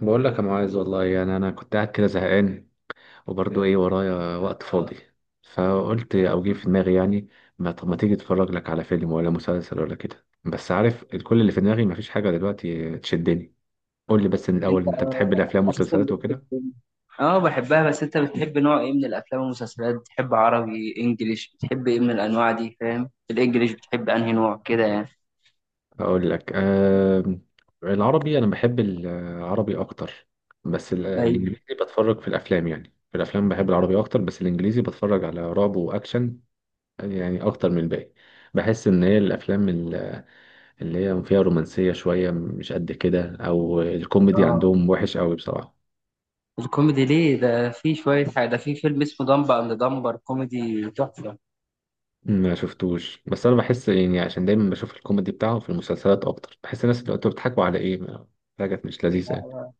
بقول لك يا معاذ، والله يعني انا كنت قاعد كده زهقان وبرضه، ايه ورايا وقت فاضي. فقلت او جه في دماغي يعني، ما طب، ما تيجي اتفرج لك على فيلم ولا مسلسل ولا كده. بس عارف، كل اللي في دماغي مفيش حاجه دلوقتي تشدني. قول لي بس من انت الاول، انت بتحب الافلام اساسا والمسلسلات بتحب وكده. إيه؟ اه بحبها بس انت بتحب نوع ايه من الافلام والمسلسلات بتحب عربي انجليش بتحب ايه من الانواع دي فاهم الانجليش بتحب انهي نوع كده يعني. اقول لك آه، العربي، انا بحب العربي اكتر. بس ايوه. الانجليزي بتفرج في الافلام يعني. في الافلام بحب العربي اكتر، بس الانجليزي بتفرج على رعب واكشن يعني، اكتر من الباقي. بحس ان هي الافلام اللي هي فيها رومانسية شوية مش قد كده، أو الكوميدي اه عندهم وحش قوي بصراحة. الكوميدي ليه ده في شويه حاجه ده في فيلم اسمه دمبر اند دمبر كوميدي تحفه. ما شفتوش، بس أنا بحس يعني عشان دايما بشوف الكوميدي بتاعهم في المسلسلات أكتر، بحس الناس اللي انتوا بتضحكوا على إيه حاجة مش لذيذة يعني. لا،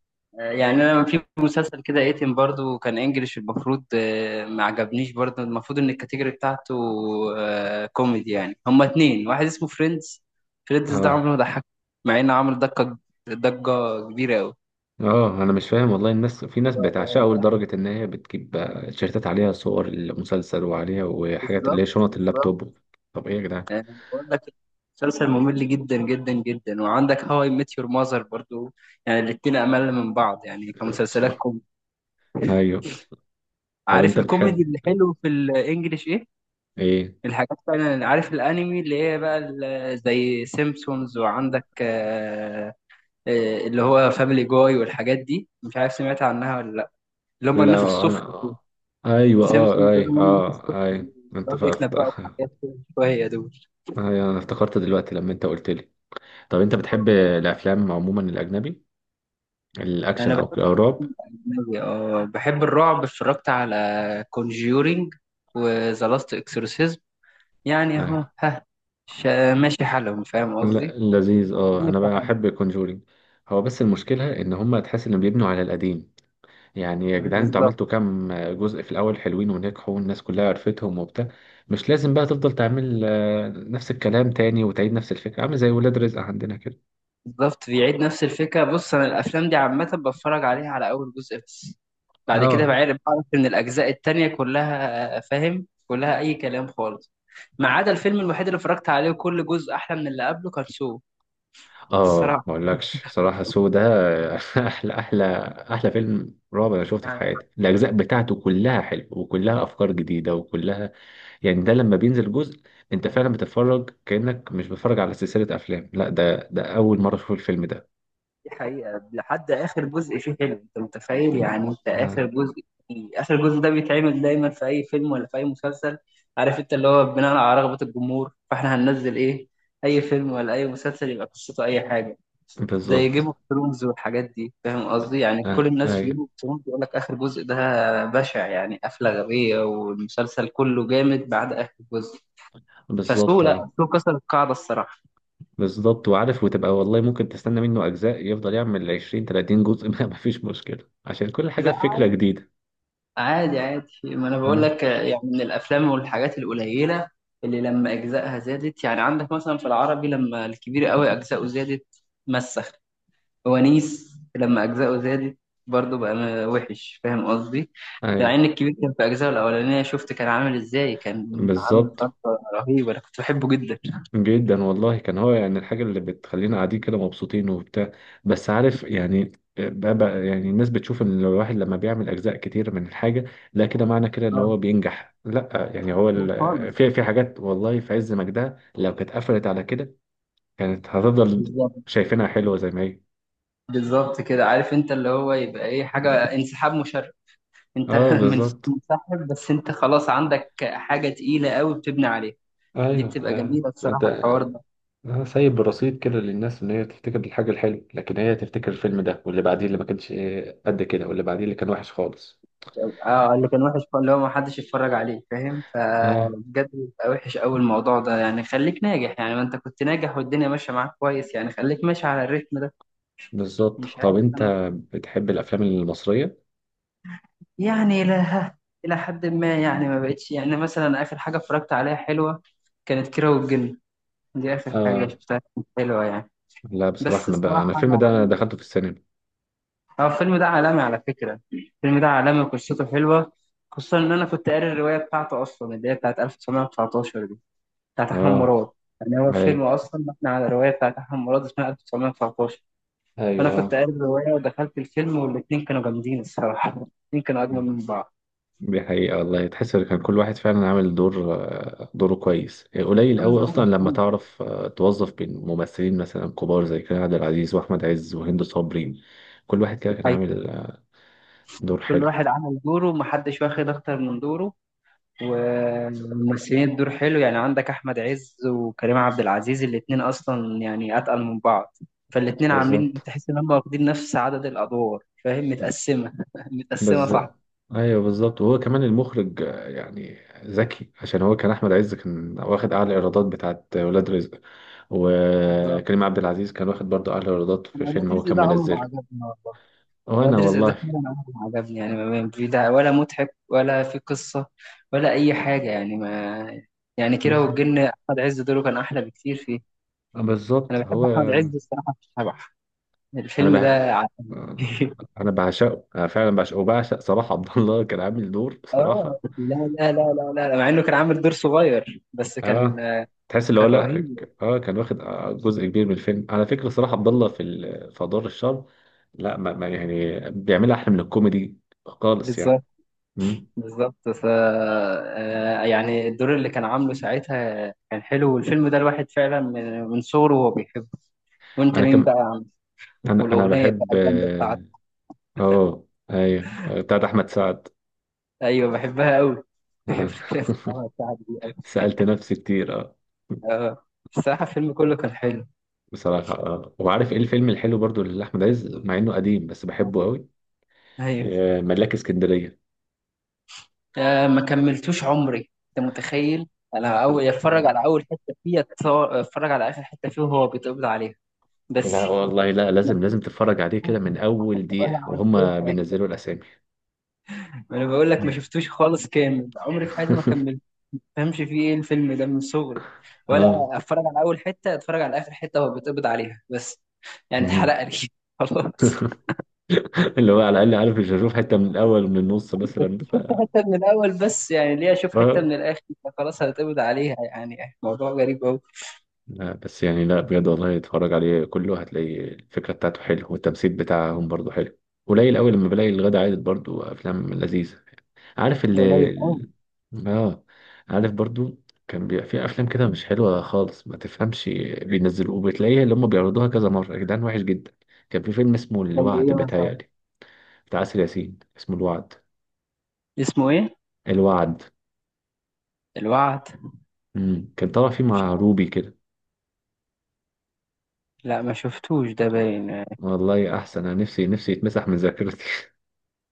يعني انا في مسلسل كده ايتم برضو كان انجليش المفروض ما عجبنيش برضو المفروض ان الكاتيجوري بتاعته كوميدي يعني هما اتنين واحد اسمه فريندز. فريندز ده عمره آه، ما ضحك مع انه عمل ضجة. ضجة كبيرة قوي. آه، أنا مش فاهم والله. الناس في ناس بتعشقه لدرجة إن هي بتجيب تيشيرتات عليها صور المسلسل وعليها وحاجات اللي بالظبط هي شنط بالظبط اللابتوب. طب إيه يا جدعان؟ بقول لك مسلسل ممل جدا جدا جدا، وعندك هاو اي ميت يور ماذر برضو. يعني الاتنين امل من بعض يعني كمسلسلات كوميدي. أيوه. طب عارف أنت الكوميدي بتحب اللي حلو في الانجليش ايه؟ إيه؟ الحاجات فعلا، عارف الانمي اللي هي بقى زي سيمبسونز؟ وعندك اللي هو فاميلي جاي والحاجات دي، مش عارف سمعت عنها ولا لا. اللي هم الناس لا السوفت دول. انا. ايوه، اه، سيمبسونز دول هم ايوه، الناس اه، السوفت ايوه، دي، انت بيقعدوا فقفت. يتنبأوا بحاجات كده شوية دول. ايوه، انا افتكرت دلوقتي لما انت قلت لي، طب انت بتحب الافلام عموما، الاجنبي، انا الاكشن او بحب او الرعب؟ الأجنبي، اه بحب الرعب، اتفرجت على كونجيورينج وذا لاست اكسورسيزم. يعني ايوه. اهو ها ماشي حالهم فاهم لا قصدي. لذيذ، اه، ماشي انا بقى حالهم. احب كونجورينج. هو بس المشكله ان هم، تحس انهم بيبنوا على القديم، يعني يا جدعان انتوا بالظبط عملتوا كام جزء في الاول؟ حلوين ونجحوا والناس كلها عرفتهم وبتاع. مش لازم بقى تفضل تعمل نفس الكلام تاني وتعيد نفس الفكره، عامل زي ولاد رزق عندنا كده. بالظبط. بيعيد نفس الفكرة. بص أنا الأفلام دي عامة بتفرج عليها على أول جزء بس، بعد كده اه، بعرف إن الأجزاء التانية كلها فاهم كلها أي كلام خالص، ما عدا الفيلم الوحيد اللي اتفرجت عليه كل جزء أحلى من اللي قبله، كان سو. اه، ما الصراحة اقولكش صراحه سو ده. احلى احلى احلى فيلم رعب انا شفته في يعني حياتي. الاجزاء بتاعته كلها حلو وكلها افكار جديده وكلها، يعني ده لما بينزل جزء، انت فعلا بتتفرج كانك مش بتتفرج على سلسله افلام، لا ده اول مره اشوف الفيلم ده. دي حقيقة، لحد آخر جزء فيه حلو. أنت متخيل؟ يعني أنت آه. آخر جزء، آخر جزء ده بيتعمل دايما في أي فيلم ولا في أي مسلسل. عارف أنت اللي هو بناء على رغبة الجمهور، فإحنا هننزل إيه، أي فيلم ولا أي مسلسل يبقى قصته أي حاجة. زي جيم بالظبط. اوف ثرونز والحاجات دي فاهم قصدي، يعني كل آه. الناس في جيم ايوه، اوف ثرونز يقول لك اخر جزء ده بشع، يعني قفله غبيه، والمسلسل كله جامد بعد اخر جزء. فسو بالظبط. لا، آه. سو كسر القاعده الصراحه. بالظبط. وعارف، وتبقى والله ممكن تستنى منه اجزاء يفضل يعمل 20 30 جزء ما فيش مشكله عشان كل حاجه لا فكره جديده. عادي عادي، ما انا بقول آه. لك يعني من الافلام والحاجات القليله اللي لما اجزائها زادت. يعني عندك مثلا في العربي لما الكبير قوي اجزائه زادت مسخ، ونيس لما أجزاؤه زادت برضه بقى وحش، فاهم قصدي؟ مع ايوه، إن الكبير كان في أجزائه الأولانية شفت كان عامل إزاي، كان عامل بالظبط. ضجة رهيبة، أنا كنت بحبه جدا. جدا والله، كان هو يعني الحاجة اللي بتخلينا قاعدين كده مبسوطين وبتاع. بس عارف يعني، بقى يعني الناس بتشوف ان الواحد لما بيعمل اجزاء كتير من الحاجة، لا، كده معنى كده ان هو آه، بينجح. لا، يعني هو خالص. في في حاجات والله في عز مجدها لو كانت قفلت على كده، كانت هتفضل بالظبط شايفينها حلوة زي ما هي. بالظبط كده عارف أنت اللي هو يبقى إيه، حاجة انسحاب مشرف. أنت اه، بالظبط. منسحب، بس أنت خلاص عندك حاجة تقيلة قوي بتبني عليها. دي ايوه. بتبقى جميلة انت. الصراحة الحوار ده. أنا سايب رصيد كده للناس ان هي تفتكر الحاجه الحلوه، لكن هي تفتكر الفيلم ده واللي بعديه اللي ما كانش قد كده واللي بعديه اللي كان وحش خالص. اه اللي كان وحش اللي هو ما حدش يتفرج عليه فاهم، فبجد بيبقى وحش قوي الموضوع ده. يعني خليك ناجح، يعني ما انت كنت ناجح والدنيا ماشيه معاك كويس، يعني خليك ماشي على الريتم ده. بالظبط. مش طب عارف انت انا بصراحة. بتحب الافلام المصريه؟ يعني الى حد ما يعني ما بقتش. يعني مثلا اخر حاجه اتفرجت عليها حلوه كانت كيرة والجن، دي اخر حاجه اه. شفتها كانت حلوه يعني. لا بصراحه، بس بقى انا الصراحه الفيلم ده يعني دخلته في السينما. هو الفيلم ده عالمي، على فكره الفيلم ده عالمي وقصته حلوه، خصوصا ان انا كنت قاري الروايه بتاعته اصلا، اللي هي بتاعت 1919، بتاعت أحمد اه. مراد. يعني هو الفيلم ايوه. أصلا مبني على رواية بتاعت أحمد مراد اسمها 1919. فأنا كنت ايوه. قاري الرواية ودخلت الفيلم، والاتنين كانوا جامدين الصراحة، الاتنين كانوا أجمل آه. من بعض. دي حقيقه والله، تحس ان كان كل واحد فعلا عامل دور، دوره كويس. قليل عامل قوي دوره اصلا لما مظبوط. تعرف توظف بين ممثلين مثلا كبار زي كريم عبد العزيز واحمد عز وهند صبري. كل واحد كده دي كان حقيقة. عامل دور كل حلو. واحد عمل دوره، محدش واخد أكتر من دوره، وممثلين الدور حلو. يعني عندك أحمد عز وكريم عبد العزيز، الاتنين أصلا يعني أتقل من بعض، فالاتنين بالظبط. عاملين تحس إن هم واخدين نفس عدد الأدوار، فاهم متقسمة متقسمة بس صح. ايوه، بالظبط. وهو كمان المخرج يعني ذكي. عشان هو كان احمد عز كان واخد اعلى ايرادات بتاعت ولاد رزق، بالظبط. وكريم عبد العزيز كان واخد برضه اعلى ايرادات في أنا فيلم ولاد هو رزق كان ده عمره ما منزله. عجبني والله. وانا ولاد رزق ده والله. فعلا عجبني يعني، ما في ده ولا مضحك ولا في قصة ولا أي حاجة يعني ما. يعني كيرة بس- والجن أحمد عز دوره كان أحلى بكتير فيه. أنا بالظبط، هو. بحب أحمد عز الصراحة في شبح. انا الفيلم بح... ده انا بعشقه، انا فعلا بعشقه وبعشق صلاح عبد الله، كان عامل دور آه بصراحه. لا، مع إنه كان عامل دور صغير بس كان، اه، تحس اللي هو، كان لا، رهيب. كان واخد جزء كبير من الفيلم على فكره. صراحه عبد الله في في ادوار الشر، لا، ما ما يعني بيعملها احلى من الكوميدي خالص يعني. بالظبط مم. بالظبط. ف يعني الدور اللي كان عامله ساعتها كان حلو، والفيلم ده الواحد فعلا من صغره وهو بيحبه. وأنت انا مين كم بقى يا عم؟ انا والأغنية بحب، بقى الجامدة اه. بتاعته. آه، ايوه، بتاعت احمد سعد. ايوه بحبها قوي. بحب آه. الأغنية بتاعها دي قوي. سالت نفسي كتير، اه. اه الصراحة الفيلم كله كان حلو. بصراحه اه، وعارف ايه الفيلم الحلو برضو لاحمد عز مع انه قديم بس بحبه قوي؟ ايوه. ملاك اسكندريه. آه ما كملتوش عمري، انت متخيل؟ انا اول لا، اتفرج على اول حته فيه اتفرج على اخر حته فيه وهو بيتقبض عليها بس. لا والله، لا، ما لازم فيش لازم تتفرج عليه كده من اول دقيقة ولا عارف اي وهم حاجه. بينزلوا الاسامي. انا بقول لك ما مم. شفتوش خالص، كامل عمري في حياتي ما كملت ما فهمش فيه ايه الفيلم ده من صغري ولا. اه. اتفرج على اول حته، اتفرج على اخر حته وهو بيتقبض عليها بس. يعني مم. اتحرق لي خلاص. اللي هو على الاقل عارف مش هشوف حتة من الاول ومن النص كنت مثلا ف... شفت حتة من الأول بس، يعني ليه أشوف حتة آه. من الآخر؟ خلاص هتقبض عليها، يعني موضوع غريب أوي. لا بس يعني، لا بجد والله اتفرج عليه كله هتلاقي الفكرة بتاعته حلوة والتمثيل بتاعهم برضه حلو. قليل قوي لما بلاقي الغدا عادل برضه افلام لذيذة. عارف يعني قليل أوي. اه عارف برضو، كان بيبقى في افلام كده مش حلوه خالص ما تفهمش، بينزلوه وبتلاقيها اللي هم بيعرضوها كذا مره يا جدعان، وحش جدا. كان في فيلم اسمه زي الوعد إيه مثلا؟ بيتهيألي، بتاع آسر ياسين اسمه الوعد. اسمه إيه؟ الوعد. الوعد. كان طالع فيه مش مع عارف. روبي كده. لا ما شفتوش ده باين. ما والله احسن، انا نفسي نفسي يتمسح من ذاكرتي.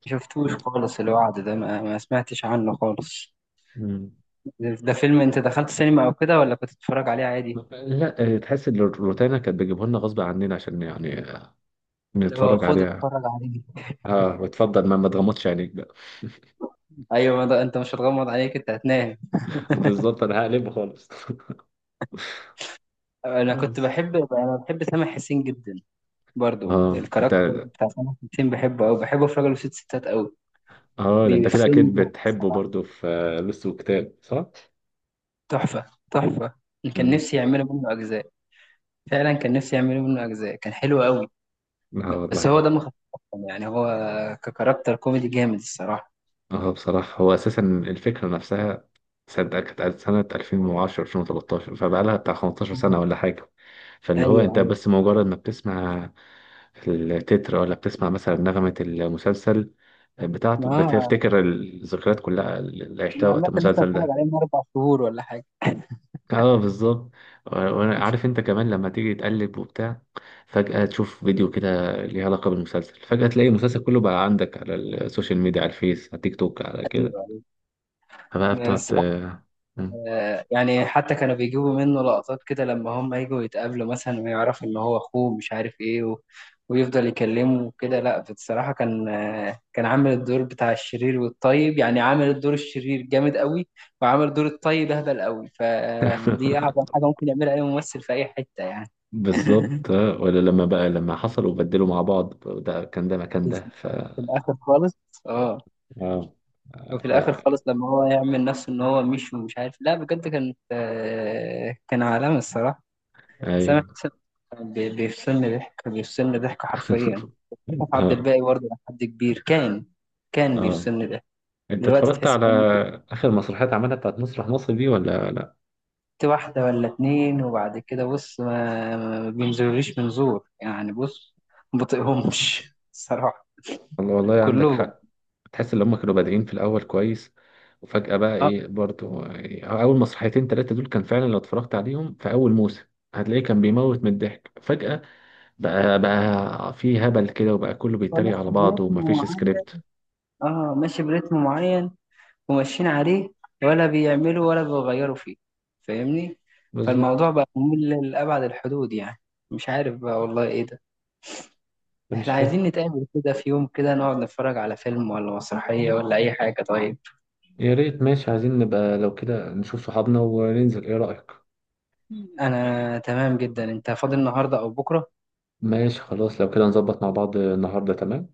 شفتوش خالص، الوعد ده ما سمعتش عنه خالص. مم. ده فيلم أنت دخلت سينما أو كده، ولا كنت بتتفرج عليه عادي؟ لا، تحس ان الروتانا كانت بتجيبه لنا غصب عننا عشان يعني اللي هو نتفرج خد عليها. اتفرج عليه. اه، وتفضل ما ما تغمضش عينيك بقى. ايوه ما ده انت مش هتغمض عليك، انت هتنام. بالظبط، انا هقلبه خالص. انا كنت منز بحب، انا بحب سامح حسين جدا. برضو اه، انت. الكاركتر بتاع سامح حسين بحبه قوي، بحبه في راجل وست ستات قوي. اه، ده انت كده الفيلم اكيد ده بتحبه برضو في لص وكتاب، صح؟ تحفة. تحفة. أنا كان امم نفسي يعملوا منه أجزاء. فعلا كان نفسي يعملوا منه أجزاء، كان حلو قوي. اه بس هو والله. دمه خفيف أصلاً. يعني هو ككاركتر كوميدي جامد الصراحة. اه بصراحة، هو اساسا الفكرة نفسها، صدق كانت سنة 2010 2013، فبقالها بتاع 15 سنة مم. ولا حاجة. فاللي هو انت أيوه أيوه. بس مجرد ما بتسمع التتر ولا بتسمع مثلا نغمة المسلسل بتاعته، ما بتفتكر الذكريات كلها اللي عشتها أنا وقت عامة لسه المسلسل بتفرج ده. عليه من 4 شهور ولا حاجة. اه، بالظبط. وانا عارف انت كمان لما تيجي تقلب وبتاع، فجأة تشوف فيديو كده ليه علاقة بالمسلسل، فجأة تلاقي المسلسل كله بقى عندك على السوشيال ميديا، على الفيس، على تيك توك، على أيوه كده. أيوه. فبقى بس بتقعد، مم. يعني حتى كانوا بيجيبوا منه لقطات كده لما هم يجوا يتقابلوا مثلا ويعرفوا ان هو اخوه مش عارف ايه و... ويفضل يكلمه وكده. لا بصراحة كان، كان عامل الدور بتاع الشرير والطيب، يعني عامل الدور الشرير جامد قوي، وعامل دور الطيب اهبل قوي، فدي اعظم حاجة ممكن يعملها اي ممثل في اي حتة يعني. بالظبط. آه. ولا لما بقى لما حصلوا وبدلوا مع بعض، ده كان ده مكان ده ف... في الاخر خالص. اه اه. وفي الاخر لا. خالص لما هو يعمل نفسه ان هو مش ومش عارف. لا بجد كانت، كان عالمي الصراحة. سامح ايوه. حسين بيفصلني ضحك، بيفصلني ضحك حرفيا. مصطفى عبد اه، الباقي برضه لحد كبير كان، كان اه، بيفصلني ضحك. انت دلوقتي اتفرجت تحس على إن ممكن اخر مسرحيات عملها بتاعت مسرح مصر دي ولا لا؟ كنت واحدة ولا اتنين، وبعد كده بص ما بينزلوليش منظور يعني. بص ما بطيقهمش الصراحة والله والله عندك كلهم. حق، تحس ان هم كانوا بادئين في الاول كويس وفجأة بقى اه ايه برضو يعني، اول مسرحيتين ثلاثة دول كان فعلا لو اتفرجت عليهم في اول موسم هتلاقيه كان بيموت من الضحك. فجأة بقى في هبل كده، وبقى كله هو بيتريق على ماشي بعضه برتم ومفيش معين. سكريبت. اه ماشي برتم معين وماشيين عليه، ولا بيعملوا ولا بيغيروا فيه، فاهمني؟ فالموضوع بالظبط. بقى ممل لأبعد الحدود يعني. مش عارف بقى والله ايه ده. انا مش احنا فاهم. عايزين نتقابل كده في يوم كده نقعد نتفرج على فيلم ولا مسرحية ولا أي حاجة طيب. يا ريت ماشي، عايزين نبقى لو كده نشوف صحابنا وننزل، ايه رأيك؟ أنا تمام جدا، أنت فاضي النهاردة أو بكرة؟ ماشي خلاص، لو كده نظبط مع بعض النهاردة؟ تمام.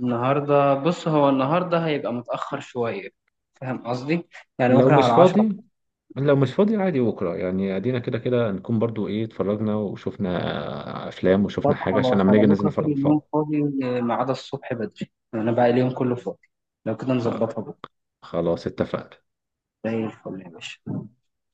النهاردة بص، هو النهاردة هيبقى متأخر شوية، فاهم قصدي؟ يعني لو ممكن مش على 10. فاضي، لو مش فاضي عادي بكرة يعني، ادينا كده كده نكون برضو ايه، اتفرجنا وشفنا افلام وشفنا طب حاجة عشان خلاص، لما أنا نيجي ننزل بكرة طول نفرج مع اليوم بعض. فاضي، ما عدا الصبح بدري، أنا بقى اليوم كله فاضي، لو كده خ- نظبطها بكرة. خلاص، اتفقنا. زي الفل يا باشا.